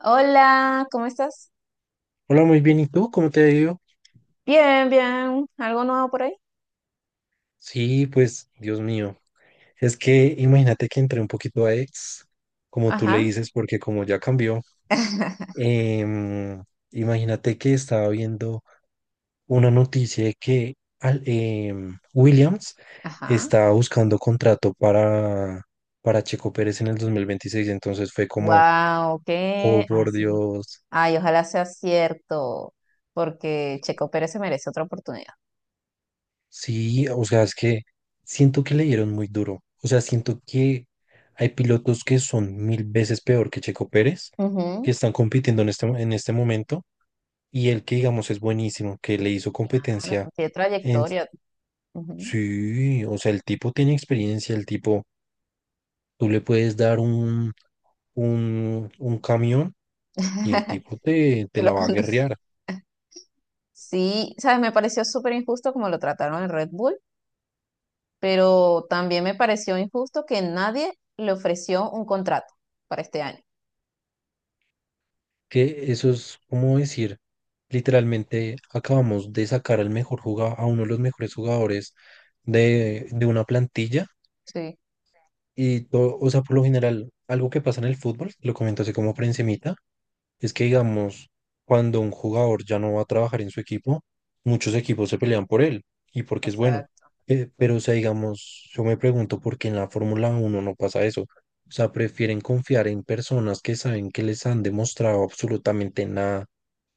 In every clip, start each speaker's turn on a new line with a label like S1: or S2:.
S1: Hola, ¿cómo estás?
S2: Hola, muy bien. ¿Y tú? ¿Cómo te ha ido?
S1: Bien, bien. ¿Algo nuevo por ahí?
S2: Sí, pues, Dios mío. Es que imagínate que entré un poquito a ex, como tú le
S1: Ajá.
S2: dices, porque como ya cambió, em, imagínate que estaba viendo una noticia de que Williams
S1: Ajá.
S2: estaba buscando contrato para Checo Pérez en el 2026. Entonces fue como,
S1: Wow,
S2: oh,
S1: qué. Ay,
S2: por
S1: sí.
S2: Dios.
S1: Ay, ojalá sea cierto, porque Checo Pérez se merece otra oportunidad.
S2: Sí, o sea, es que siento que le dieron muy duro. O sea, siento que hay pilotos que son mil veces peor que Checo Pérez,
S1: Ujú.
S2: que están compitiendo en este momento, y el que digamos es buenísimo, que le hizo
S1: Claro,
S2: competencia
S1: tiene
S2: en.
S1: trayectoria. Ujú.
S2: Sí, o sea, el tipo tiene experiencia, el tipo, tú le puedes dar un camión y el tipo te
S1: Se
S2: la
S1: lo
S2: va a
S1: conduce.
S2: guerrear.
S1: Sí, sabes, me pareció súper injusto como lo trataron en Red Bull, pero también me pareció injusto que nadie le ofreció un contrato para este año.
S2: Que eso es como decir, literalmente acabamos de sacar al mejor jugador, a uno de los mejores jugadores de una plantilla.
S1: Sí,
S2: Y todo, o sea, por lo general, algo que pasa en el fútbol, lo comento así como por encimita, es que, digamos, cuando un jugador ya no va a trabajar en su equipo, muchos equipos se pelean por él y porque es bueno.
S1: exacto.
S2: Pero, o sea, digamos, yo me pregunto por qué en la Fórmula uno no pasa eso. O sea, prefieren confiar en personas que saben que les han demostrado absolutamente nada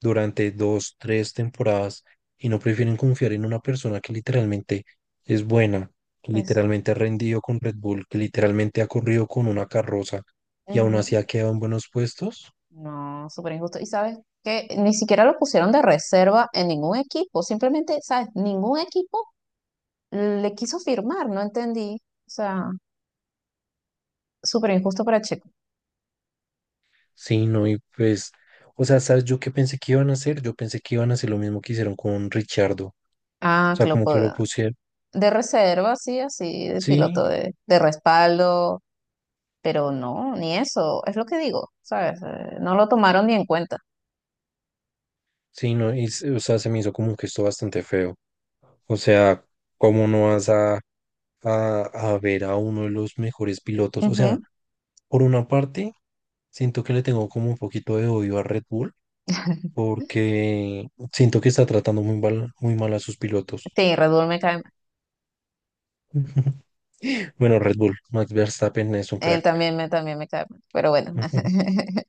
S2: durante dos, tres temporadas y no prefieren confiar en una persona que literalmente es buena, que literalmente ha rendido con Red Bull, que literalmente ha corrido con una carroza y aún
S1: Eso.
S2: así ha quedado en buenos puestos.
S1: No, súper injusto. Y sabes que ni siquiera lo pusieron de reserva en ningún equipo. Simplemente, ¿sabes? Ningún equipo le quiso firmar, no entendí. O sea, súper injusto para Checo.
S2: Sí, no, y pues, o sea, ¿sabes yo qué pensé que iban a hacer? Yo pensé que iban a hacer lo mismo que hicieron con Richardo. O
S1: Ah,
S2: sea,
S1: que lo
S2: como que lo
S1: pueda.
S2: pusieron.
S1: De reserva, sí, así, de
S2: Sí,
S1: piloto de respaldo. Pero no, ni eso. Es lo que digo, ¿sabes? No lo tomaron ni en cuenta.
S2: sí, no, y, o sea, se me hizo como un gesto bastante feo. O sea, ¿cómo no vas a ver a uno de los mejores pilotos? O sea,
S1: Ujú.
S2: por una parte, siento que le tengo como un poquito de odio a Red Bull, porque siento que está tratando muy mal a sus pilotos.
S1: Sí, Red Bull me cae.
S2: Bueno, Red Bull, Max Verstappen es un
S1: Él
S2: crack.
S1: también me cae mal, pero bueno.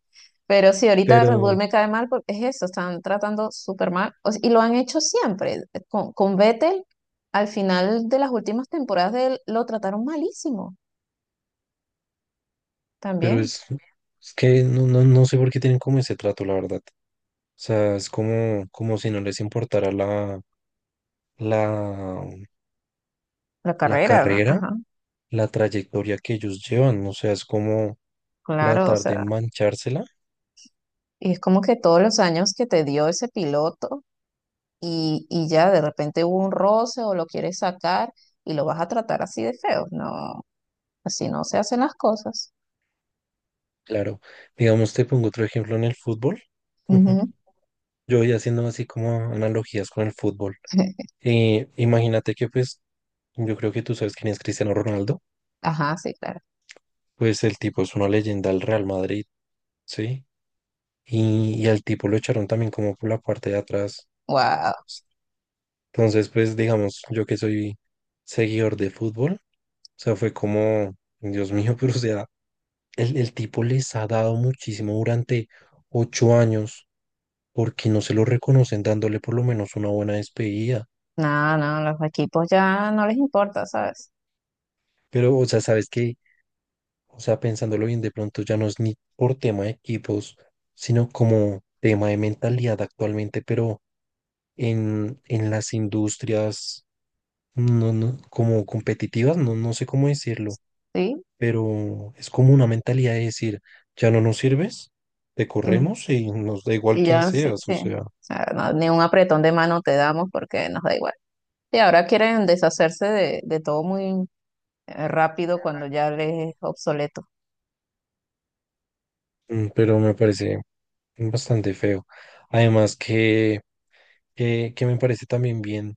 S1: Pero sí, ahorita Red Bull
S2: Pero.
S1: me cae mal porque es eso, están tratando súper mal. Y lo han hecho siempre. Con Vettel, al final de las últimas temporadas de él, lo trataron malísimo
S2: Pero
S1: también.
S2: es que no, no, no sé por qué tienen como ese trato, la verdad. O sea, es como si no les importara la,
S1: La
S2: la
S1: carrera, ¿no?
S2: carrera,
S1: Ajá,
S2: la trayectoria que ellos llevan. O sea, es como
S1: claro, o
S2: tratar de
S1: sea,
S2: manchársela.
S1: y es como que todos los años que te dio ese piloto y ya de repente hubo un roce o lo quieres sacar y lo vas a tratar así de feo. No, así no se hacen las cosas.
S2: Claro, digamos, te pongo otro ejemplo en el fútbol.
S1: Ujú.
S2: Yo voy haciendo así como analogías con el fútbol. Imagínate que pues, yo creo que tú sabes quién es Cristiano Ronaldo.
S1: Ajá, sí, claro.
S2: Pues el tipo es una leyenda del Real Madrid, ¿sí? Y al tipo lo echaron también como por la parte de atrás.
S1: Wow.
S2: Entonces, pues digamos, yo que soy seguidor de fútbol, o sea, fue como, Dios mío, pero o sea, el tipo les ha dado muchísimo durante 8 años, porque no se lo reconocen dándole por lo menos una buena despedida.
S1: No, no, los equipos ya no les importa, ¿sabes?
S2: Pero, o sea, sabes que, o sea, pensándolo bien, de pronto ya no es ni por tema de equipos, sino como tema de mentalidad actualmente, pero en las industrias no, no, como competitivas, no, no sé cómo decirlo,
S1: Sí.
S2: pero es como una mentalidad de decir, ya no nos sirves, te
S1: mm,
S2: corremos y nos da igual
S1: Y
S2: quién
S1: ya, sí,
S2: seas, o
S1: sí.
S2: sea,
S1: O sea, no, ni un apretón de mano te damos porque nos da igual. Y ahora quieren deshacerse de todo muy rápido cuando ya les es obsoleto.
S2: pero me parece bastante feo. Además que me parece también bien,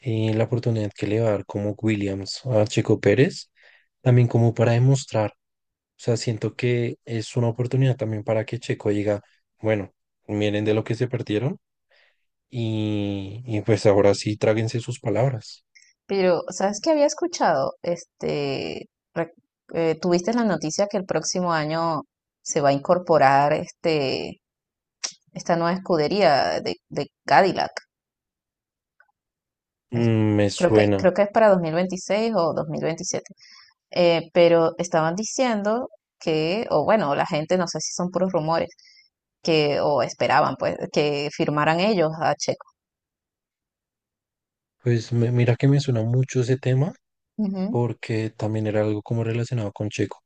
S2: la oportunidad que le va a dar como Williams a Checo Pérez, también como para demostrar, o sea, siento que es una oportunidad también para que Checo diga, bueno, miren de lo que se perdieron. Y pues ahora sí, tráguense sus palabras.
S1: Pero, ¿sabes qué había escuchado? Re- tuviste la noticia que el próximo año se va a incorporar esta nueva escudería de Cadillac. Es-
S2: Mm, me
S1: creo que,
S2: suena.
S1: creo que es para 2026 o 2027. Pero estaban diciendo o bueno, la gente, no sé si son puros rumores, o esperaban, pues, que firmaran ellos a Checo.
S2: Pues mira que me suena mucho ese tema
S1: Ujú,
S2: porque también era algo como relacionado con Checo.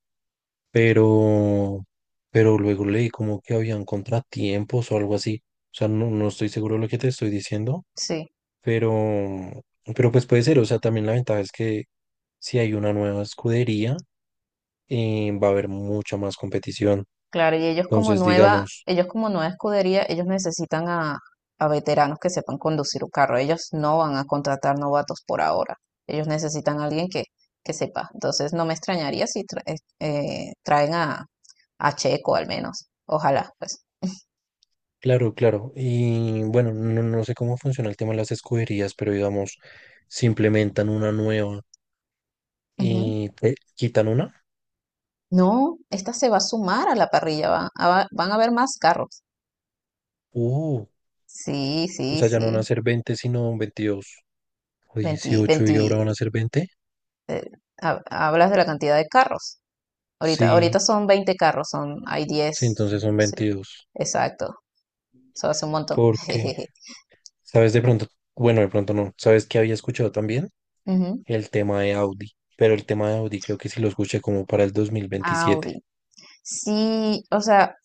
S2: Pero, pero luego leí como que habían contratiempos o algo así. O sea, no, no estoy seguro de lo que te estoy diciendo,
S1: sí,
S2: pero, pero pues puede ser. O sea, también la ventaja es que si hay una nueva escudería, va a haber mucha más competición.
S1: claro, y ellos como
S2: Entonces,
S1: nueva,
S2: digamos.
S1: ellos como nueva escudería, ellos necesitan a veteranos que sepan conducir un carro. Ellos no van a contratar novatos por ahora. Ellos necesitan a alguien que sepa. Entonces, no me extrañaría si traen a Checo al menos. Ojalá, pues.
S2: Claro, claro. Y bueno, no, no sé cómo funciona el tema de las escuderías, pero digamos, si implementan una nueva y te quitan una,
S1: No, esta se va a sumar a la parrilla, van a haber más carros.
S2: uh,
S1: Sí,
S2: o
S1: sí,
S2: sea, ya no van a
S1: sí.
S2: ser 20, sino 22 o
S1: 20,
S2: 18 y
S1: 20.
S2: ahora van a ser 20.
S1: eh, hablas de la cantidad de carros. Ahorita,
S2: Sí,
S1: ahorita son 20 carros, hay
S2: sí,
S1: 10.
S2: entonces son
S1: Sí,
S2: 22.
S1: exacto. Eso hace un montón.
S2: Porque,
S1: Jejeje.
S2: ¿sabes de pronto? Bueno, de pronto no. ¿Sabes que había escuchado también?
S1: Ujú.
S2: El tema de Audi, pero el tema de Audi creo que sí lo escuché como para el 2027.
S1: Audi. Sí, o sea,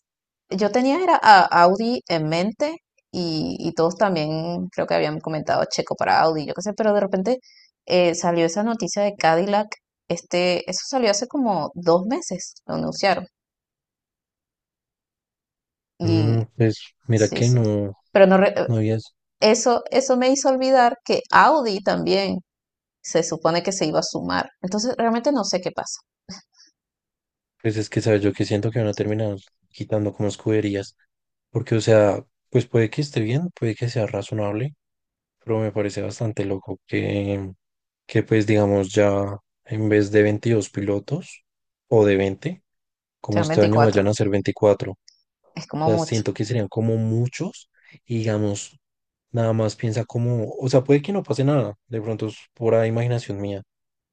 S1: yo tenía era a Audi en mente y todos también creo que habían comentado Checo para Audi, yo qué sé, pero de repente salió esa noticia de Cadillac, eso salió hace como 2 meses, lo anunciaron y
S2: Mm, pues mira
S1: sí,
S2: que
S1: sí,
S2: no.
S1: pero no,
S2: No había.
S1: eso me hizo olvidar que Audi también se supone que se iba a sumar, entonces realmente no sé qué pasa.
S2: Pues es que, ¿sabes? Yo que siento que van a terminar quitando como escuderías. Porque, o sea, pues puede que esté bien, puede que sea razonable, pero me parece bastante loco que, pues digamos ya en vez de 22 pilotos o de 20 como
S1: Sean
S2: este año
S1: 24,
S2: vayan a ser 24.
S1: es
S2: O
S1: como
S2: sea,
S1: mucho.
S2: siento que serían como muchos y digamos, nada más piensa como, o sea, puede que no pase nada, de pronto es pura imaginación mía,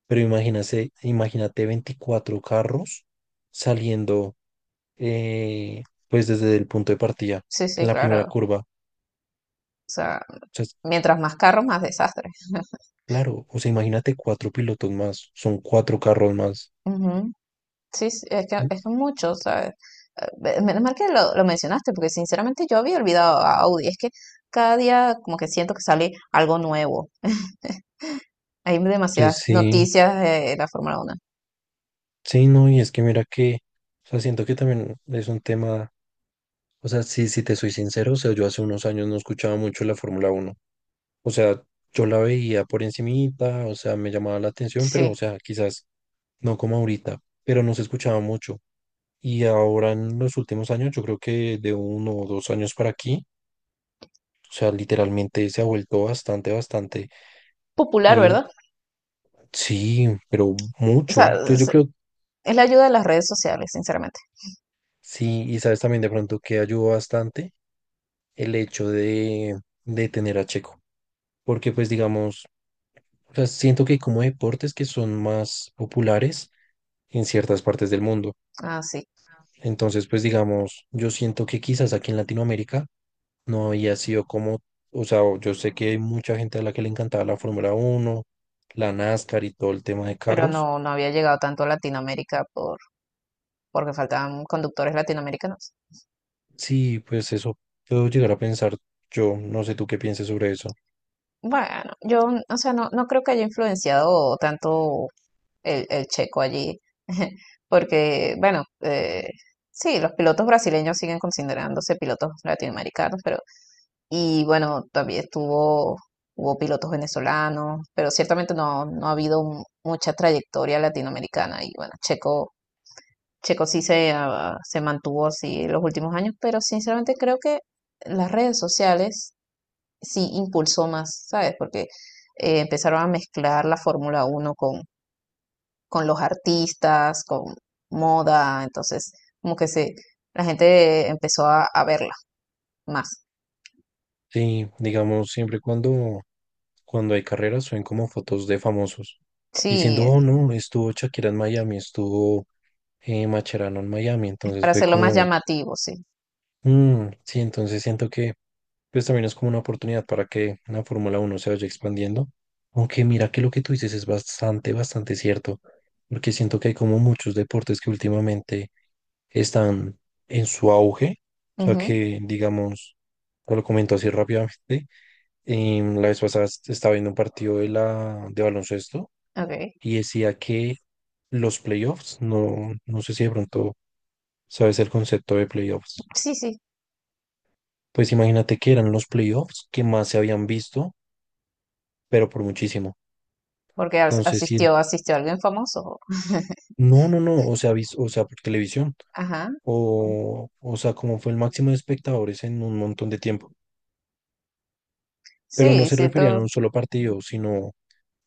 S2: pero imagínate, imagínate 24 carros saliendo, eh, pues desde el punto de partida,
S1: Sí,
S2: en
S1: sí,
S2: la primera
S1: claro.
S2: curva. O
S1: O sea,
S2: sea,
S1: mientras más carros, más desastre.
S2: claro, o sea, imagínate cuatro pilotos más, son cuatro carros más.
S1: Ujú. Sí, sí, es que mucho, ¿sabes? Eh, Menos mal que lo mencionaste, porque sinceramente yo había olvidado a Audi. Es que cada día como que siento que sale algo nuevo. Hay
S2: Entonces,
S1: demasiadas
S2: sí,
S1: noticias de la Fórmula Uno.
S2: sí, no, y es que mira que, o sea, siento que también es un tema, o sea, sí, si te soy sincero, o sea, yo hace unos años no escuchaba mucho la Fórmula Uno, o sea, yo la veía por encimita, o sea, me llamaba la atención, pero,
S1: Sí.
S2: o sea, quizás no como ahorita, pero no se escuchaba mucho. Y ahora en los últimos años, yo creo que de 1 o 2 años para aquí, o sea, literalmente se ha vuelto bastante, bastante.
S1: Popular,
S2: Y
S1: ¿verdad?
S2: sí, pero
S1: O sea,
S2: mucho. Yo
S1: es
S2: creo.
S1: es la ayuda de las redes sociales, sinceramente.
S2: Sí, y sabes también de pronto que ayudó bastante el hecho de tener a Checo. Porque pues digamos, o sea, siento que hay como deportes que son más populares en ciertas partes del mundo.
S1: Ah, sí.
S2: Entonces, pues digamos, yo siento que quizás aquí en Latinoamérica no había sido como, o sea, yo sé que hay mucha gente a la que le encantaba la Fórmula Uno, la NASCAR y todo el tema de
S1: Pero
S2: carros.
S1: no, no había llegado tanto a Latinoamérica porque faltaban conductores latinoamericanos.
S2: Sí, pues eso puedo llegar a pensar yo, no sé tú qué pienses sobre eso.
S1: Bueno, yo, o sea, no, no creo que haya influenciado tanto el checo allí, porque, bueno, sí, los pilotos brasileños siguen considerándose pilotos latinoamericanos, pero, y bueno, también estuvo, hubo pilotos venezolanos, pero ciertamente no, no ha habido mucha trayectoria latinoamericana, y bueno, Checo, Checo sí se mantuvo así en los últimos años, pero sinceramente creo que las redes sociales sí impulsó más, ¿sabes? Porque empezaron a mezclar la Fórmula uno con los artistas, con moda, entonces como que la gente empezó a verla más.
S2: Sí, digamos, siempre cuando hay carreras suben como fotos de famosos diciendo,
S1: Sí,
S2: oh no, estuvo Shakira en Miami, estuvo, Macherano en Miami, entonces
S1: para
S2: fue
S1: hacerlo más
S2: como,
S1: llamativo, sí.
S2: mm, sí, entonces siento que pues también es como una oportunidad para que la Fórmula Uno se vaya expandiendo, aunque mira que lo que tú dices es bastante, bastante cierto, porque siento que hay como muchos deportes que últimamente están en su auge. O sea
S1: Ujú,
S2: que, digamos, te lo comento así rápidamente. La vez pasada estaba viendo un partido de la de baloncesto
S1: ok.
S2: y decía que los playoffs, no, no sé si de pronto sabes el concepto de playoffs.
S1: Sí, sí,
S2: Pues imagínate que eran los playoffs que más se habían visto, pero por muchísimo.
S1: porque as-
S2: Entonces, si,
S1: asistió, asistió alguien famoso.
S2: no, no, no, o sea, o sea, por televisión.
S1: Ajá.
S2: O sea, como fue el máximo de espectadores en un montón de tiempo. Pero no
S1: Sí,
S2: se referían
S1: siento,
S2: a un solo partido, sino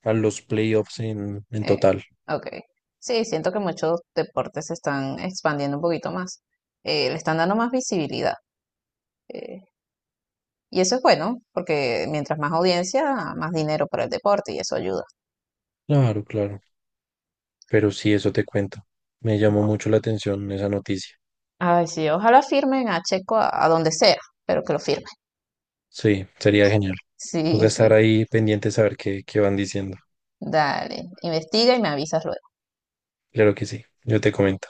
S2: a los playoffs en
S1: eh,
S2: total.
S1: ok. Sí, siento que muchos deportes se están expandiendo un poquito más. Le están dando más visibilidad. eh, y eso es bueno, porque mientras más audiencia, más dinero para el deporte y eso ayuda.
S2: Claro, claro. Pero sí, eso te cuento. Me llamó mucho la atención esa noticia.
S1: Ay, sí, ojalá firmen a Checo a donde sea, pero que lo firmen.
S2: Sí, sería genial. Voy a
S1: Sí, sí,
S2: estar ahí pendiente a saber qué van diciendo.
S1: dale, investiga y me avisas luego.
S2: Claro que sí, yo te comento.